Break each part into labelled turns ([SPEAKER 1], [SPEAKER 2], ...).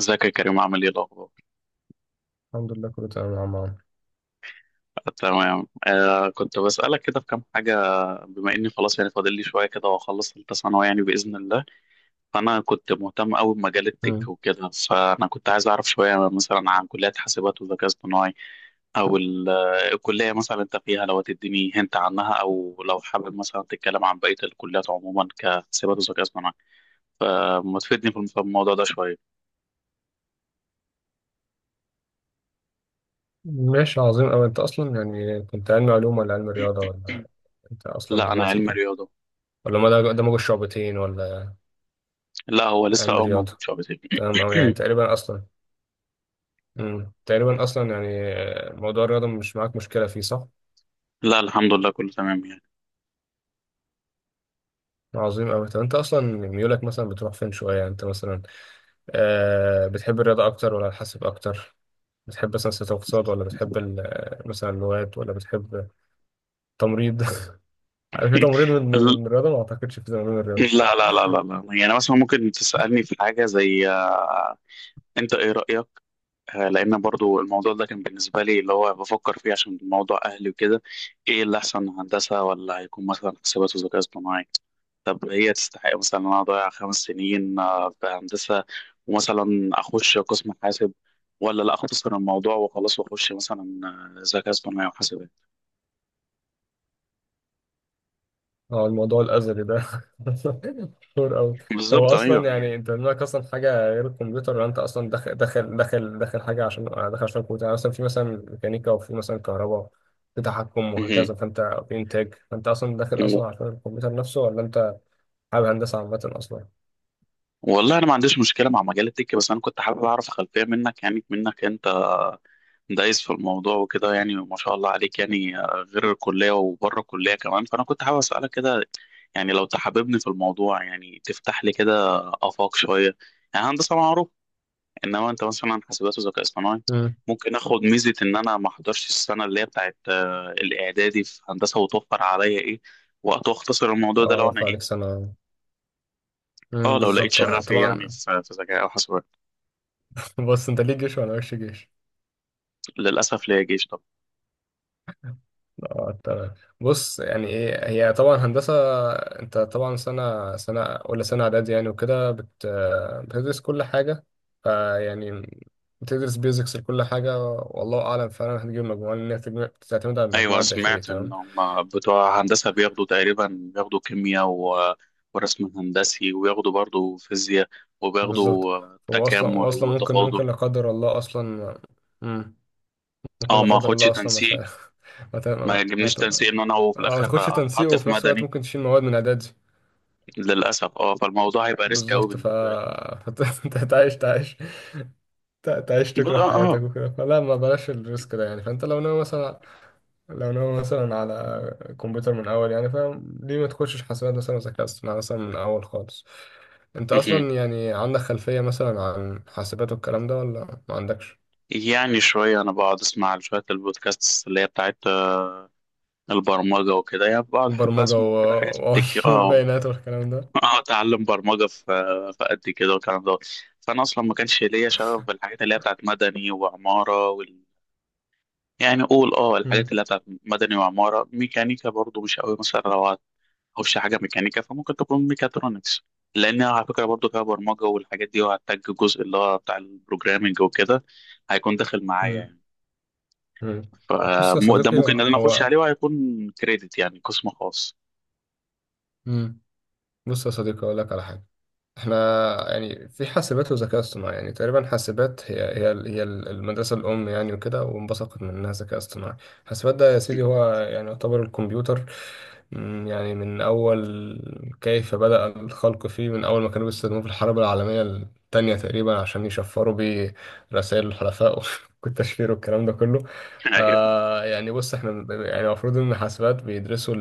[SPEAKER 1] ازيك يا كريم، عامل ايه الاخبار؟
[SPEAKER 2] الحمد لله كله تمام يا عم عمرو.
[SPEAKER 1] آه، تمام. كنت بسالك كده في كام حاجه. بما اني خلاص يعني فاضل لي شويه كده واخلص ثالثه ثانوي يعني باذن الله. فانا كنت مهتم قوي بمجال التك
[SPEAKER 2] مم.
[SPEAKER 1] وكده، فانا كنت عايز اعرف شويه مثلا عن كليه حاسبات وذكاء اصطناعي. او الكليه مثلا انت فيها لو تديني هنت عنها، او لو حابب مثلا تتكلم عن بقيه الكليات عموما كحاسبات وذكاء اصطناعي، فما تفيدني في الموضوع ده شويه.
[SPEAKER 2] ماشي، عظيم أوي. أنت أصلا كنت علم علوم ولا علم رياضة ولا أنت أصلا
[SPEAKER 1] لا انا
[SPEAKER 2] دلوقتي
[SPEAKER 1] علم
[SPEAKER 2] إيه؟
[SPEAKER 1] رياضه.
[SPEAKER 2] ولا ما ده دمج الشعبتين ولا
[SPEAKER 1] لا هو لسه
[SPEAKER 2] علم
[SPEAKER 1] موجود
[SPEAKER 2] رياضة.
[SPEAKER 1] شويه.
[SPEAKER 2] تمام أوي، يعني تقريبا أصلا. مم. تقريبا أصلا يعني. موضوع الرياضة مش معاك مشكلة فيه، صح؟
[SPEAKER 1] لا الحمد لله كله تمام يعني.
[SPEAKER 2] عظيم أوي. طب أنت أصلا ميولك مثلا بتروح فين شوية؟ يعني أنت مثلا بتحب الرياضة أكتر ولا الحاسب أكتر؟ بتحب مثلا سياسة واقتصاد ولا بتحب مثلا اللغات ولا بتحب تمريض؟ عارف، في تمريض من
[SPEAKER 1] ال-
[SPEAKER 2] الرياضة؟ ما أعتقدش في تمريض من الرياضة.
[SPEAKER 1] لا لا لا لا لا، يعني مثلا ممكن تسألني في حاجة زي انت ايه رأيك؟ لان برضو الموضوع ده كان بالنسبة لي اللي هو بفكر فيه عشان موضوع اهلي وكده، ايه اللي احسن، هندسة ولا هيكون مثلا حسابات وذكاء اصطناعي؟ طب هي تستحق مثلا ان انا اضيع 5 سنين في هندسة ومثلا اخش قسم حاسب، ولا لا اختصر الموضوع وخلاص واخش مثلا ذكاء اصطناعي وحاسبات؟
[SPEAKER 2] اه، الموضوع الأزلي ده مشهور أوي. طب
[SPEAKER 1] بالظبط،
[SPEAKER 2] هو أصلا،
[SPEAKER 1] ايوه
[SPEAKER 2] يعني
[SPEAKER 1] يعني.
[SPEAKER 2] أنت دماغك أصلا حاجة غير الكمبيوتر، ولا أنت أصلا داخل حاجة عشان داخل عشان الكمبيوتر؟ يعني مثلا في مثلا ميكانيكا، وفي مثلا كهرباء، في تحكم وهكذا، فأنت في إنتاج. فأنت أصلا داخل
[SPEAKER 1] مهم.
[SPEAKER 2] أصلا عشان الكمبيوتر نفسه، ولا أنت حابب هندسة عامة أصلا؟
[SPEAKER 1] والله انا ما عنديش مشكله مع مجال التك، بس انا كنت حابب اعرف خلفيه منك، يعني منك انت دايس في الموضوع وكده، يعني ما شاء الله عليك، يعني غير الكليه وبره الكليه كمان، فانا كنت حابب اسالك كده، يعني لو تحببني في الموضوع يعني تفتح لي كده افاق شويه. يعني هندسه معروف، انما انت مثلا حاسبات وذكاء اصطناعي
[SPEAKER 2] مم.
[SPEAKER 1] ممكن اخد ميزه ان انا ما احضرش السنه اللي هي بتاعت الاعدادي في هندسه، وتوفر عليا ايه، وقت، واختصر الموضوع
[SPEAKER 2] اه،
[SPEAKER 1] ده لو انا
[SPEAKER 2] وفى عليك
[SPEAKER 1] ايه،
[SPEAKER 2] سنة.
[SPEAKER 1] اه
[SPEAKER 2] مم،
[SPEAKER 1] لو لقيت
[SPEAKER 2] بالظبط، اه
[SPEAKER 1] شغفي يعني
[SPEAKER 2] طبعا.
[SPEAKER 1] في ذكاء او حاسبات.
[SPEAKER 2] بص، أنت ليك جيش وأنا ماليش جيش.
[SPEAKER 1] للأسف ليا جيش طبعا.
[SPEAKER 2] اه تمام. بص، يعني ايه هي طبعا هندسه؟ انت طبعا سنه سنه، ولا سنه اعدادي يعني وكده، بتدرس كل حاجه. فيعني بتدرس بيزكس لكل حاجه، والله اعلم فعلا هتجيب مجموعه، لان هي تعتمد على
[SPEAKER 1] أيوة،
[SPEAKER 2] المجموعه الداخليه.
[SPEAKER 1] سمعت إن
[SPEAKER 2] تمام،
[SPEAKER 1] هم بتوع هندسة بياخدوا تقريبا، بياخدوا كيمياء ورسم هندسي، وياخدوا برضو فيزياء،
[SPEAKER 2] بالظبط.
[SPEAKER 1] وبياخدوا
[SPEAKER 2] واصلا
[SPEAKER 1] تكامل
[SPEAKER 2] واصلا ممكن
[SPEAKER 1] وتفاضل.
[SPEAKER 2] ممكن لا قدر الله اصلا. مم. ممكن
[SPEAKER 1] اه
[SPEAKER 2] لا
[SPEAKER 1] ما
[SPEAKER 2] قدر
[SPEAKER 1] اخدش
[SPEAKER 2] الله اصلا ما ت-
[SPEAKER 1] تنسيق،
[SPEAKER 2] ما ت-
[SPEAKER 1] ما
[SPEAKER 2] ما
[SPEAKER 1] يجبنيش
[SPEAKER 2] ت-
[SPEAKER 1] تنسيق ان انا هو في
[SPEAKER 2] ما
[SPEAKER 1] الاخر
[SPEAKER 2] تاخدش تنسيق،
[SPEAKER 1] اتحط
[SPEAKER 2] وفي
[SPEAKER 1] في
[SPEAKER 2] نفس الوقت
[SPEAKER 1] مدني،
[SPEAKER 2] ممكن تشيل مواد من اعدادي.
[SPEAKER 1] للاسف. اه فالموضوع هيبقى ريسك قوي
[SPEAKER 2] بالظبط. ف
[SPEAKER 1] بالنسبه لي.
[SPEAKER 2] فانت هتعيش تعيش تعيش
[SPEAKER 1] ب-
[SPEAKER 2] تكره
[SPEAKER 1] اه اه
[SPEAKER 2] حياتك وكده، فلا ما بلاش الريسك ده يعني. فانت لو ناوي مثلا، لو ناوي مثلا على كمبيوتر من اول، يعني فاهم ليه ما تخشش حاسبات مثلا وذكاء اصطناعي مثلا من اول خالص؟ انت
[SPEAKER 1] مهم.
[SPEAKER 2] اصلا يعني عندك خلفية مثلا عن حاسبات والكلام ده، ولا ما عندكش؟
[SPEAKER 1] يعني شويه انا بقعد اسمع شويه البودكاست اللي هي بتاعت البرمجه وكده، يعني بقعد احب
[SPEAKER 2] برمجة
[SPEAKER 1] اسمع
[SPEAKER 2] و...
[SPEAKER 1] كده حاجات بتك اه
[SPEAKER 2] والبيانات والكلام ده.
[SPEAKER 1] اه اتعلم برمجه في في قد كده والكلام ده. فانا اصلا ما كانش ليا شغف بالحاجات اللي هي بتاعت مدني وعماره يعني قول الحاجات
[SPEAKER 2] مم.
[SPEAKER 1] اللي هي بتاعت مدني وعماره. ميكانيكا برضو مش قوي، مثلا لو هخش حاجه ميكانيكا فممكن تكون ميكاترونكس، لان على فكره برضو فيها برمجه والحاجات دي، وهحتاج الجزء اللي هو بتاع البروجرامنج وكده هيكون داخل معايا
[SPEAKER 2] مم.
[SPEAKER 1] يعني.
[SPEAKER 2] مم. بص يا
[SPEAKER 1] فده
[SPEAKER 2] صديقي،
[SPEAKER 1] ممكن ان انا اخش عليه، وهيكون كريدت يعني قسم خاص.
[SPEAKER 2] مم. بص يا صديقي، اقول لك على حاجة. احنا يعني في حاسبات وذكاء اصطناعي، يعني تقريبا حاسبات هي المدرسة الأم يعني وكده، وانبثقت منها ذكاء اصطناعي. حاسبات ده يا سيدي
[SPEAKER 1] مهم.
[SPEAKER 2] هو يعني يعتبر الكمبيوتر. مم، يعني من أول كيف بدأ الخلق فيه، من أول ما كانوا بيستخدموه في الحرب العالمية التانية تقريبا عشان يشفروا بيه رسائل الحلفاء والتشفير والكلام ده كله.
[SPEAKER 1] ايوه.
[SPEAKER 2] آه يعني بص، احنا يعني المفروض إن حاسبات بيدرسوا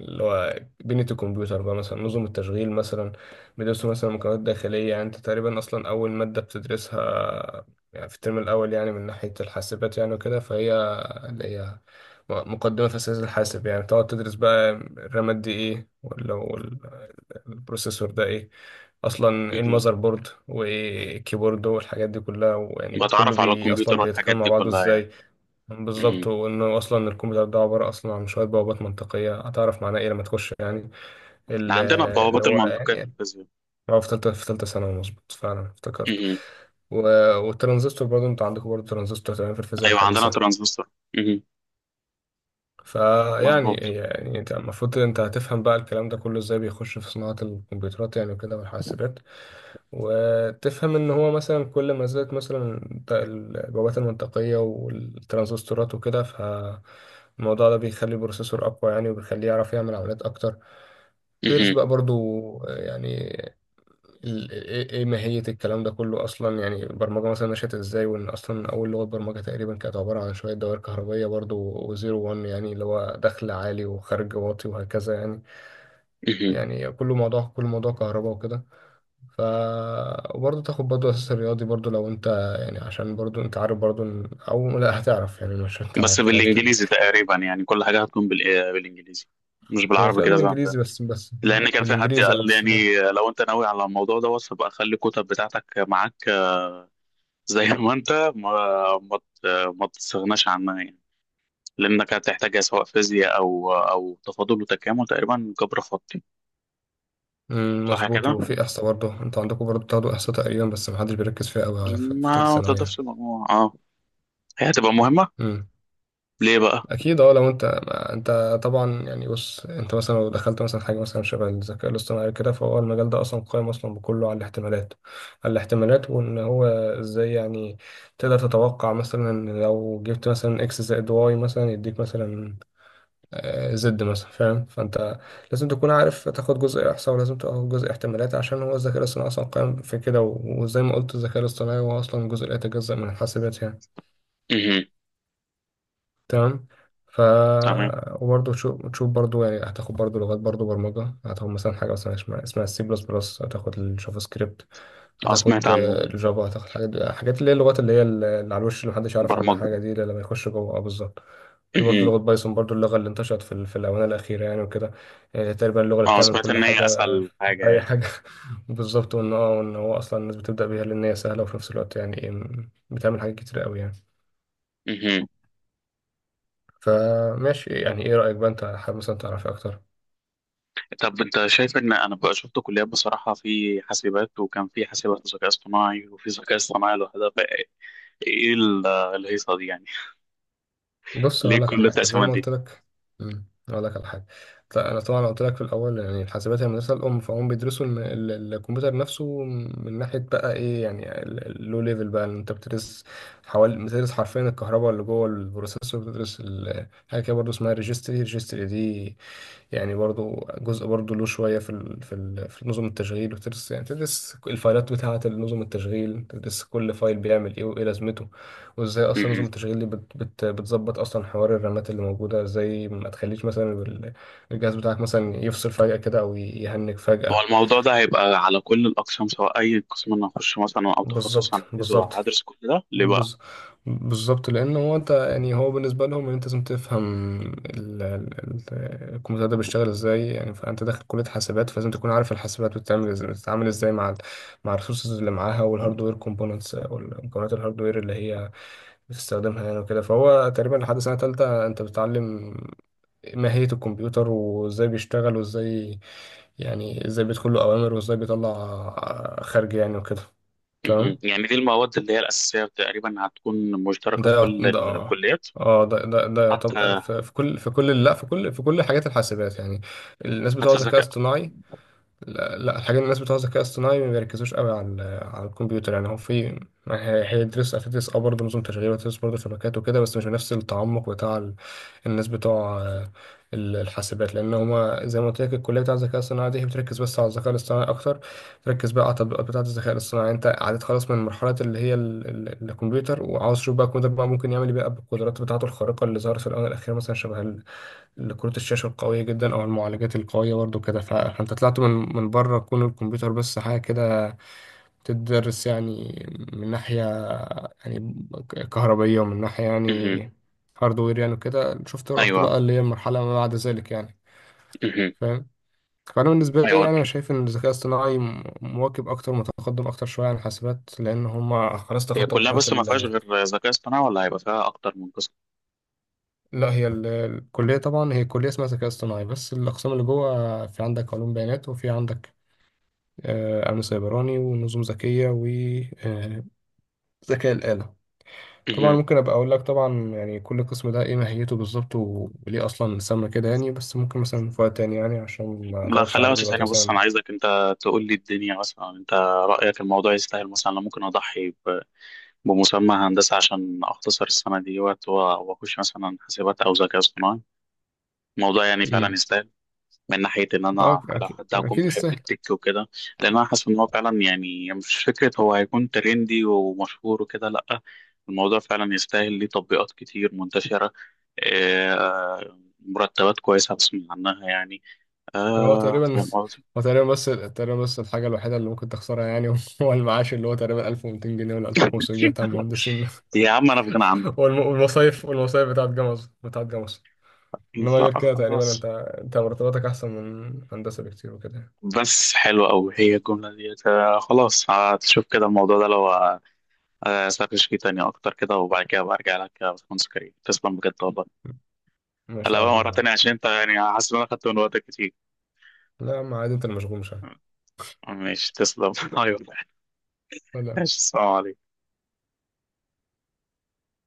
[SPEAKER 2] اللي هو بنية الكمبيوتر بقى، مثلا نظم التشغيل مثلا، بندرسه مثلا مكونات داخلية. يعني انت تقريبا اصلا اول مادة بتدرسها، يعني في الترم الاول يعني من ناحية الحاسبات يعني وكده، فهي اللي هي مقدمة في أساس الحاسب. يعني تقعد تدرس بقى الرامات دي ايه، البروسيسور ده ايه، اصلا ايه
[SPEAKER 1] مهم.
[SPEAKER 2] المذر بورد، وايه الكيبورد والحاجات دي كلها، ويعني كله
[SPEAKER 1] بتعرف على
[SPEAKER 2] بي
[SPEAKER 1] الكمبيوتر
[SPEAKER 2] اصلا
[SPEAKER 1] والحاجات
[SPEAKER 2] بيتكلم مع
[SPEAKER 1] دي
[SPEAKER 2] بعضه
[SPEAKER 1] كلها. يعني
[SPEAKER 2] ازاي. بالظبط، وانه اصلا الكمبيوتر ده عباره اصلا عن شويه بوابات منطقيه، هتعرف معناه ايه لما تخش يعني
[SPEAKER 1] ده
[SPEAKER 2] ال-
[SPEAKER 1] عندنا
[SPEAKER 2] اللي
[SPEAKER 1] البوابات
[SPEAKER 2] هو
[SPEAKER 1] المنطقية في
[SPEAKER 2] يعني.
[SPEAKER 1] الفيزياء.
[SPEAKER 2] هو في ثالثه، في ثالثه ثانوي، مظبوط، فعلا افتكرت.
[SPEAKER 1] مهم.
[SPEAKER 2] و- والترانزستور برضه، انت عندكم برضه ترانزستور تمام في الفيزياء
[SPEAKER 1] أيوة، عندنا
[SPEAKER 2] الحديثه.
[SPEAKER 1] ترانزستور. مهم.
[SPEAKER 2] فيعني،
[SPEAKER 1] مظبوط.
[SPEAKER 2] يعني انت المفروض انت هتفهم بقى الكلام ده كله ازاي بيخش في صناعه الكمبيوترات يعني وكده والحاسبات. وتفهم ان هو مثلا كل ما زادت مثلا البوابات المنطقية والترانزستورات وكده، فالموضوع ده بيخلي البروسيسور اقوى يعني، وبيخليه يعرف يعمل عمليات اكتر. تدرس
[SPEAKER 1] مهم.
[SPEAKER 2] بقى برضو يعني ال- ايه إيه ماهية الكلام ده كله اصلا. يعني البرمجة مثلا نشأت ازاي، وان اصلا اول لغة برمجة تقريبا كانت عبارة عن شوية دوائر كهربية برضو، وزيرو وان، يعني اللي هو دخل عالي وخارج واطي وهكذا يعني.
[SPEAKER 1] مهم.
[SPEAKER 2] يعني كله موضوع، كل موضوع كهرباء وكده. ف وبرضه تاخد برضه اساس الرياضي برضه لو انت، يعني عشان برضه انت عارف برضه او لا هتعرف، يعني مش انت
[SPEAKER 1] بس
[SPEAKER 2] عارف تعرف منين.
[SPEAKER 1] بالإنجليزي تقريبا، يعني كل حاجة هتكون بالإنجليزي، مش
[SPEAKER 2] هي
[SPEAKER 1] بالعربي
[SPEAKER 2] تبقى
[SPEAKER 1] كده زي عندنا.
[SPEAKER 2] بالانجليزي بس
[SPEAKER 1] لأن كان في حد
[SPEAKER 2] بالانجليزي اه،
[SPEAKER 1] قال لي،
[SPEAKER 2] بس ده.
[SPEAKER 1] يعني لو أنت ناوي على الموضوع دوت، فبقى خلي الكتب بتاعتك معاك، زي ما أنت ما ت- ما تستغناش عنها يعني، لأنك هتحتاجها سواء فيزياء، أو تفاضل وتكامل، تقريبا جبر خطي.
[SPEAKER 2] أمم،
[SPEAKER 1] صح
[SPEAKER 2] مظبوط.
[SPEAKER 1] كده؟
[SPEAKER 2] وفي احصاء برضه، انتوا عندكم برضه بتاخدوا احصاء تقريبا، بس محدش بيركز فيها قوي على في في تالتة
[SPEAKER 1] ما
[SPEAKER 2] ثانوي
[SPEAKER 1] تضافش المجموع، اه. هي هتبقى مهمة.
[SPEAKER 2] يعني.
[SPEAKER 1] ليه بقى؟
[SPEAKER 2] اكيد اه، لو انت ما انت طبعا، يعني بص انت مثلا لو دخلت مثلا حاجه مثلا شبه الذكاء الاصطناعي كده، فهو المجال ده اصلا قائم اصلا بكله على الاحتمالات، على الاحتمالات. وان هو ازاي يعني تقدر تتوقع مثلا لو جبت مثلا اكس زائد واي مثلا يديك مثلا زد مثلا، فاهم؟ فانت لازم تكون عارف تاخد جزء احصاء، ولازم تاخد جزء احتمالات، عشان هو الذكاء الاصطناعي اصلا قائم في كده. و- وزي ما قلت، الذكاء الاصطناعي هو اصلا جزء لا يتجزأ من الحاسبات يعني. تمام. ف
[SPEAKER 1] تمام.
[SPEAKER 2] وبرضه تشوف، تشوف يعني هتاخد برضه لغات برضه برمجة. هتاخد مثلا حاجة مثلا اسمها السي بلس بلس، هتاخد الجافا سكريبت،
[SPEAKER 1] اه سمعت
[SPEAKER 2] هتاخد
[SPEAKER 1] عنه.
[SPEAKER 2] الجافا، هتاخد حاجات اللي هي اللغات اللي هي اللي على الوش، اللي محدش يعرف عنها
[SPEAKER 1] برمجة.
[SPEAKER 2] حاجة دي إلا لما يخش جوه. بالظبط. في برضه
[SPEAKER 1] مهم.
[SPEAKER 2] لغة بايثون برضه، اللغة اللي انتشرت في في الآونة الأخيرة يعني وكده. يعني تقريبا اللغة اللي
[SPEAKER 1] اه
[SPEAKER 2] بتعمل
[SPEAKER 1] سمعت
[SPEAKER 2] كل
[SPEAKER 1] ان هي
[SPEAKER 2] حاجة،
[SPEAKER 1] اسهل حاجة
[SPEAKER 2] أي
[SPEAKER 1] يعني.
[SPEAKER 2] حاجة. بالظبط. وإن اه، وإن هو أصلا الناس بتبدأ بيها، لأن هي سهلة، وفي نفس الوقت يعني بتعمل حاجات كتير قوي يعني.
[SPEAKER 1] مهم.
[SPEAKER 2] فماشي. يعني ايه رأيك بقى، انت حابب مثلا تعرف اكتر؟
[SPEAKER 1] طب انت شايف، ان انا بقى شفت كليات بصراحة، في حاسبات، وكان في حاسبات وذكاء اصطناعي، وفي ذكاء اصطناعي لوحدها، فايه الهيصة دي يعني؟
[SPEAKER 2] بص
[SPEAKER 1] ليه
[SPEAKER 2] هقول لك على
[SPEAKER 1] كل
[SPEAKER 2] حاجه، زي
[SPEAKER 1] التقسيمات
[SPEAKER 2] ما
[SPEAKER 1] دي؟
[SPEAKER 2] قلت لك. امم، هقول لك على حاجه. انا طبعا قلت لي في الاول يعني الحاسبات هي المدرسه الام، فهم بيدرسوا الكمبيوتر نفسه، من ناحيه بقى ايه يعني اللو ليفل بقى، إن انت بتدرس حوالي، بتدرس حرفيا الكهرباء اللي جوه البروسيسور. بتدرس حاجه كده برضه اسمها ريجستري. ريجستري دي يعني برضو جزء برضو له شوية في ال في ال في نظم التشغيل. وتدرس يعني تدرس الفايلات بتاعة نظم التشغيل، تدرس كل فايل بيعمل ايه وايه لازمته، وازاي اصلا نظم
[SPEAKER 1] مهم.
[SPEAKER 2] التشغيل دي بت بت بتظبط اصلا حوار الرامات اللي موجوده ازاي، ما تخليش مثلا الجهاز بتاعك مثلا يفصل فجاه كده او يهنج
[SPEAKER 1] هو
[SPEAKER 2] فجاه.
[SPEAKER 1] الموضوع ده هيبقى على كل الاقسام، سواء اي قسم انا هخش مثلا او تخصص انا
[SPEAKER 2] بالظبط
[SPEAKER 1] عايزه،
[SPEAKER 2] بالظبط
[SPEAKER 1] هدرس كل ده ليه بقى؟
[SPEAKER 2] بز... بالظبط، لان هو انت يعني هو بالنسبه لهم ان انت لازم تفهم الكمبيوتر ده بيشتغل ازاي يعني. فانت داخل كليه حاسبات، فلازم تكون عارف الحاسبات بتتعمل ازاي، بتتعامل ازاي مع مع الريسورسز اللي معاها، والهاردوير كومبوننتس او المكونات الهاردوير اللي هي بتستخدمها يعني وكده. فهو تقريبا لحد سنه تالتة انت بتتعلم ماهيه الكمبيوتر، وازاي بيشتغل، وازاي يعني ازاي بيدخل له اوامر، وازاي بيطلع خارج يعني وكده.
[SPEAKER 1] مهم.
[SPEAKER 2] تمام.
[SPEAKER 1] يعني دي المواد اللي هي الاساسية تقريبا هتكون مشتركة
[SPEAKER 2] ده
[SPEAKER 1] في
[SPEAKER 2] يعت-
[SPEAKER 1] كل
[SPEAKER 2] ده اه
[SPEAKER 1] الكليات،
[SPEAKER 2] اه ده ده يعتبر
[SPEAKER 1] حتى
[SPEAKER 2] في في كل في كل، لا في كل، في كل حاجات الحاسبات يعني. الناس بتوع
[SPEAKER 1] حتى
[SPEAKER 2] الذكاء
[SPEAKER 1] الذكاء.
[SPEAKER 2] الاصطناعي، لا, الحاجات، الناس بتوع الذكاء الاصطناعي ما بيركزوش قوي على على الكمبيوتر. يعني هو في ما هي- هتدرس اه برضه نظم تشغيل، وتدرس برضه شبكات وكده، بس مش بنفس التعمق بتاع الناس بتوع الحاسبات. لان هما زي ما قلت لك، الكليه بتاع الذكاء الاصطناعي دي، هي بتركز بس على الذكاء الاصطناعي اكتر، بتركز بقى على التطبيقات بتاعه الذكاء الاصطناعي. يعني انت عديت خلاص من مرحله اللي هي الكمبيوتر، وعاوز تشوف بقى الكمبيوتر بقى ممكن يعمل ايه بقى بالقدرات بتاعته الخارقه اللي ظهرت في الاونه الاخيره، مثلا شبه لكروت الشاشة القوية جدا، أو المعالجات القوية برضو كده. فأنت طلعت من من بره كون الكمبيوتر بس حاجة كده تدرس يعني، من ناحية يعني كهربية، ومن ناحية يعني هاردوير يعني وكده. شفت؟ رحت
[SPEAKER 1] ايوه.
[SPEAKER 2] بقى اللي هي المرحلة ما بعد ذلك يعني،
[SPEAKER 1] مهم.
[SPEAKER 2] فاهم؟ فأنا بالنسبة لي،
[SPEAKER 1] ايوه
[SPEAKER 2] يعني أنا شايف إن الذكاء الاصطناعي مواكب أكتر، متقدم أكتر شوية عن الحاسبات، لأن هما خلاص
[SPEAKER 1] هي
[SPEAKER 2] تخطوا
[SPEAKER 1] كلها،
[SPEAKER 2] مرحلة
[SPEAKER 1] بس ما فيهاش
[SPEAKER 2] ال.
[SPEAKER 1] غير ذكاء اصطناعي، ولا هيبقى فيها اكتر من قسم؟
[SPEAKER 2] لا، هي الكلية طبعا، هي كلية اسمها ذكاء اصطناعي، بس الأقسام اللي جوه في عندك علوم بيانات، وفي عندك أمن سيبراني، ونظم ذكية، وذكاء الآلة. طبعا
[SPEAKER 1] مهم.
[SPEAKER 2] ممكن أبقى أقول لك طبعا، يعني كل قسم ده إيه ماهيته بالظبط، وليه أصلا سمى كده يعني، بس ممكن مثلا في وقت تاني يعني عشان ما
[SPEAKER 1] لا
[SPEAKER 2] أطولش
[SPEAKER 1] خليها
[SPEAKER 2] عليك
[SPEAKER 1] بس
[SPEAKER 2] دلوقتي
[SPEAKER 1] ثانية، بص
[SPEAKER 2] مثلا.
[SPEAKER 1] أنا عايزك أنت تقول لي الدنيا، مثلا أنت رأيك الموضوع يستاهل، مثلا أنا ممكن أضحي بمسمى هندسة عشان أختصر السنة دي وقت و- وأخش مثلا حاسبات أو ذكاء اصطناعي. الموضوع يعني فعلا
[SPEAKER 2] امم.
[SPEAKER 1] يستاهل من ناحية إن أنا
[SPEAKER 2] اه،
[SPEAKER 1] لو
[SPEAKER 2] اكيد
[SPEAKER 1] حد هكون
[SPEAKER 2] اكيد
[SPEAKER 1] بحب
[SPEAKER 2] يستاهل.
[SPEAKER 1] التك وكده؟ لأن أنا حاسس إن هو فعلا، يعني مش فكرة هو هيكون ترندي ومشهور وكده، لأ الموضوع فعلا يستاهل، ليه تطبيقات كتير منتشرة، مرتبات كويسة بسمع عنها يعني،
[SPEAKER 2] هو تقريبا
[SPEAKER 1] فاهم قصدي؟
[SPEAKER 2] هو تقريبا بس، تقريبا بس الحاجه الوحيده اللي ممكن تخسرها يعني هو المعاش، اللي هو تقريبا 1200 جنيه ولا 1500 جنيه بتاع المهندسين.
[SPEAKER 1] يا عم أنا في غنى عنه.
[SPEAKER 2] والمصايف بتاعت جمص، بتاعت جمص. انما غير
[SPEAKER 1] لأ
[SPEAKER 2] كده تقريبا انت،
[SPEAKER 1] خلاص.
[SPEAKER 2] انت مرتباتك احسن من هندسه بكتير وكده.
[SPEAKER 1] بس حلوة أوي هي الجملة ديت. خلاص هتشوف كده الموضوع ده لو سرش فيه تاني أكتر كده، وبعد كده برجع لك يا باشمهندس كريم. تسلم بجد والله.
[SPEAKER 2] ماشي،
[SPEAKER 1] لا بقى،
[SPEAKER 2] عظيم
[SPEAKER 1] مرة
[SPEAKER 2] يعني.
[SPEAKER 1] تانية، عشان انت يعني حاسس ان انا خدت من وقتك كتير.
[SPEAKER 2] لا يا عم عادي، انت اللي مشغول مش انا.
[SPEAKER 1] ماشي، تسلم. ايوه.
[SPEAKER 2] لا لا.
[SPEAKER 1] ماشي، السلام عليكم.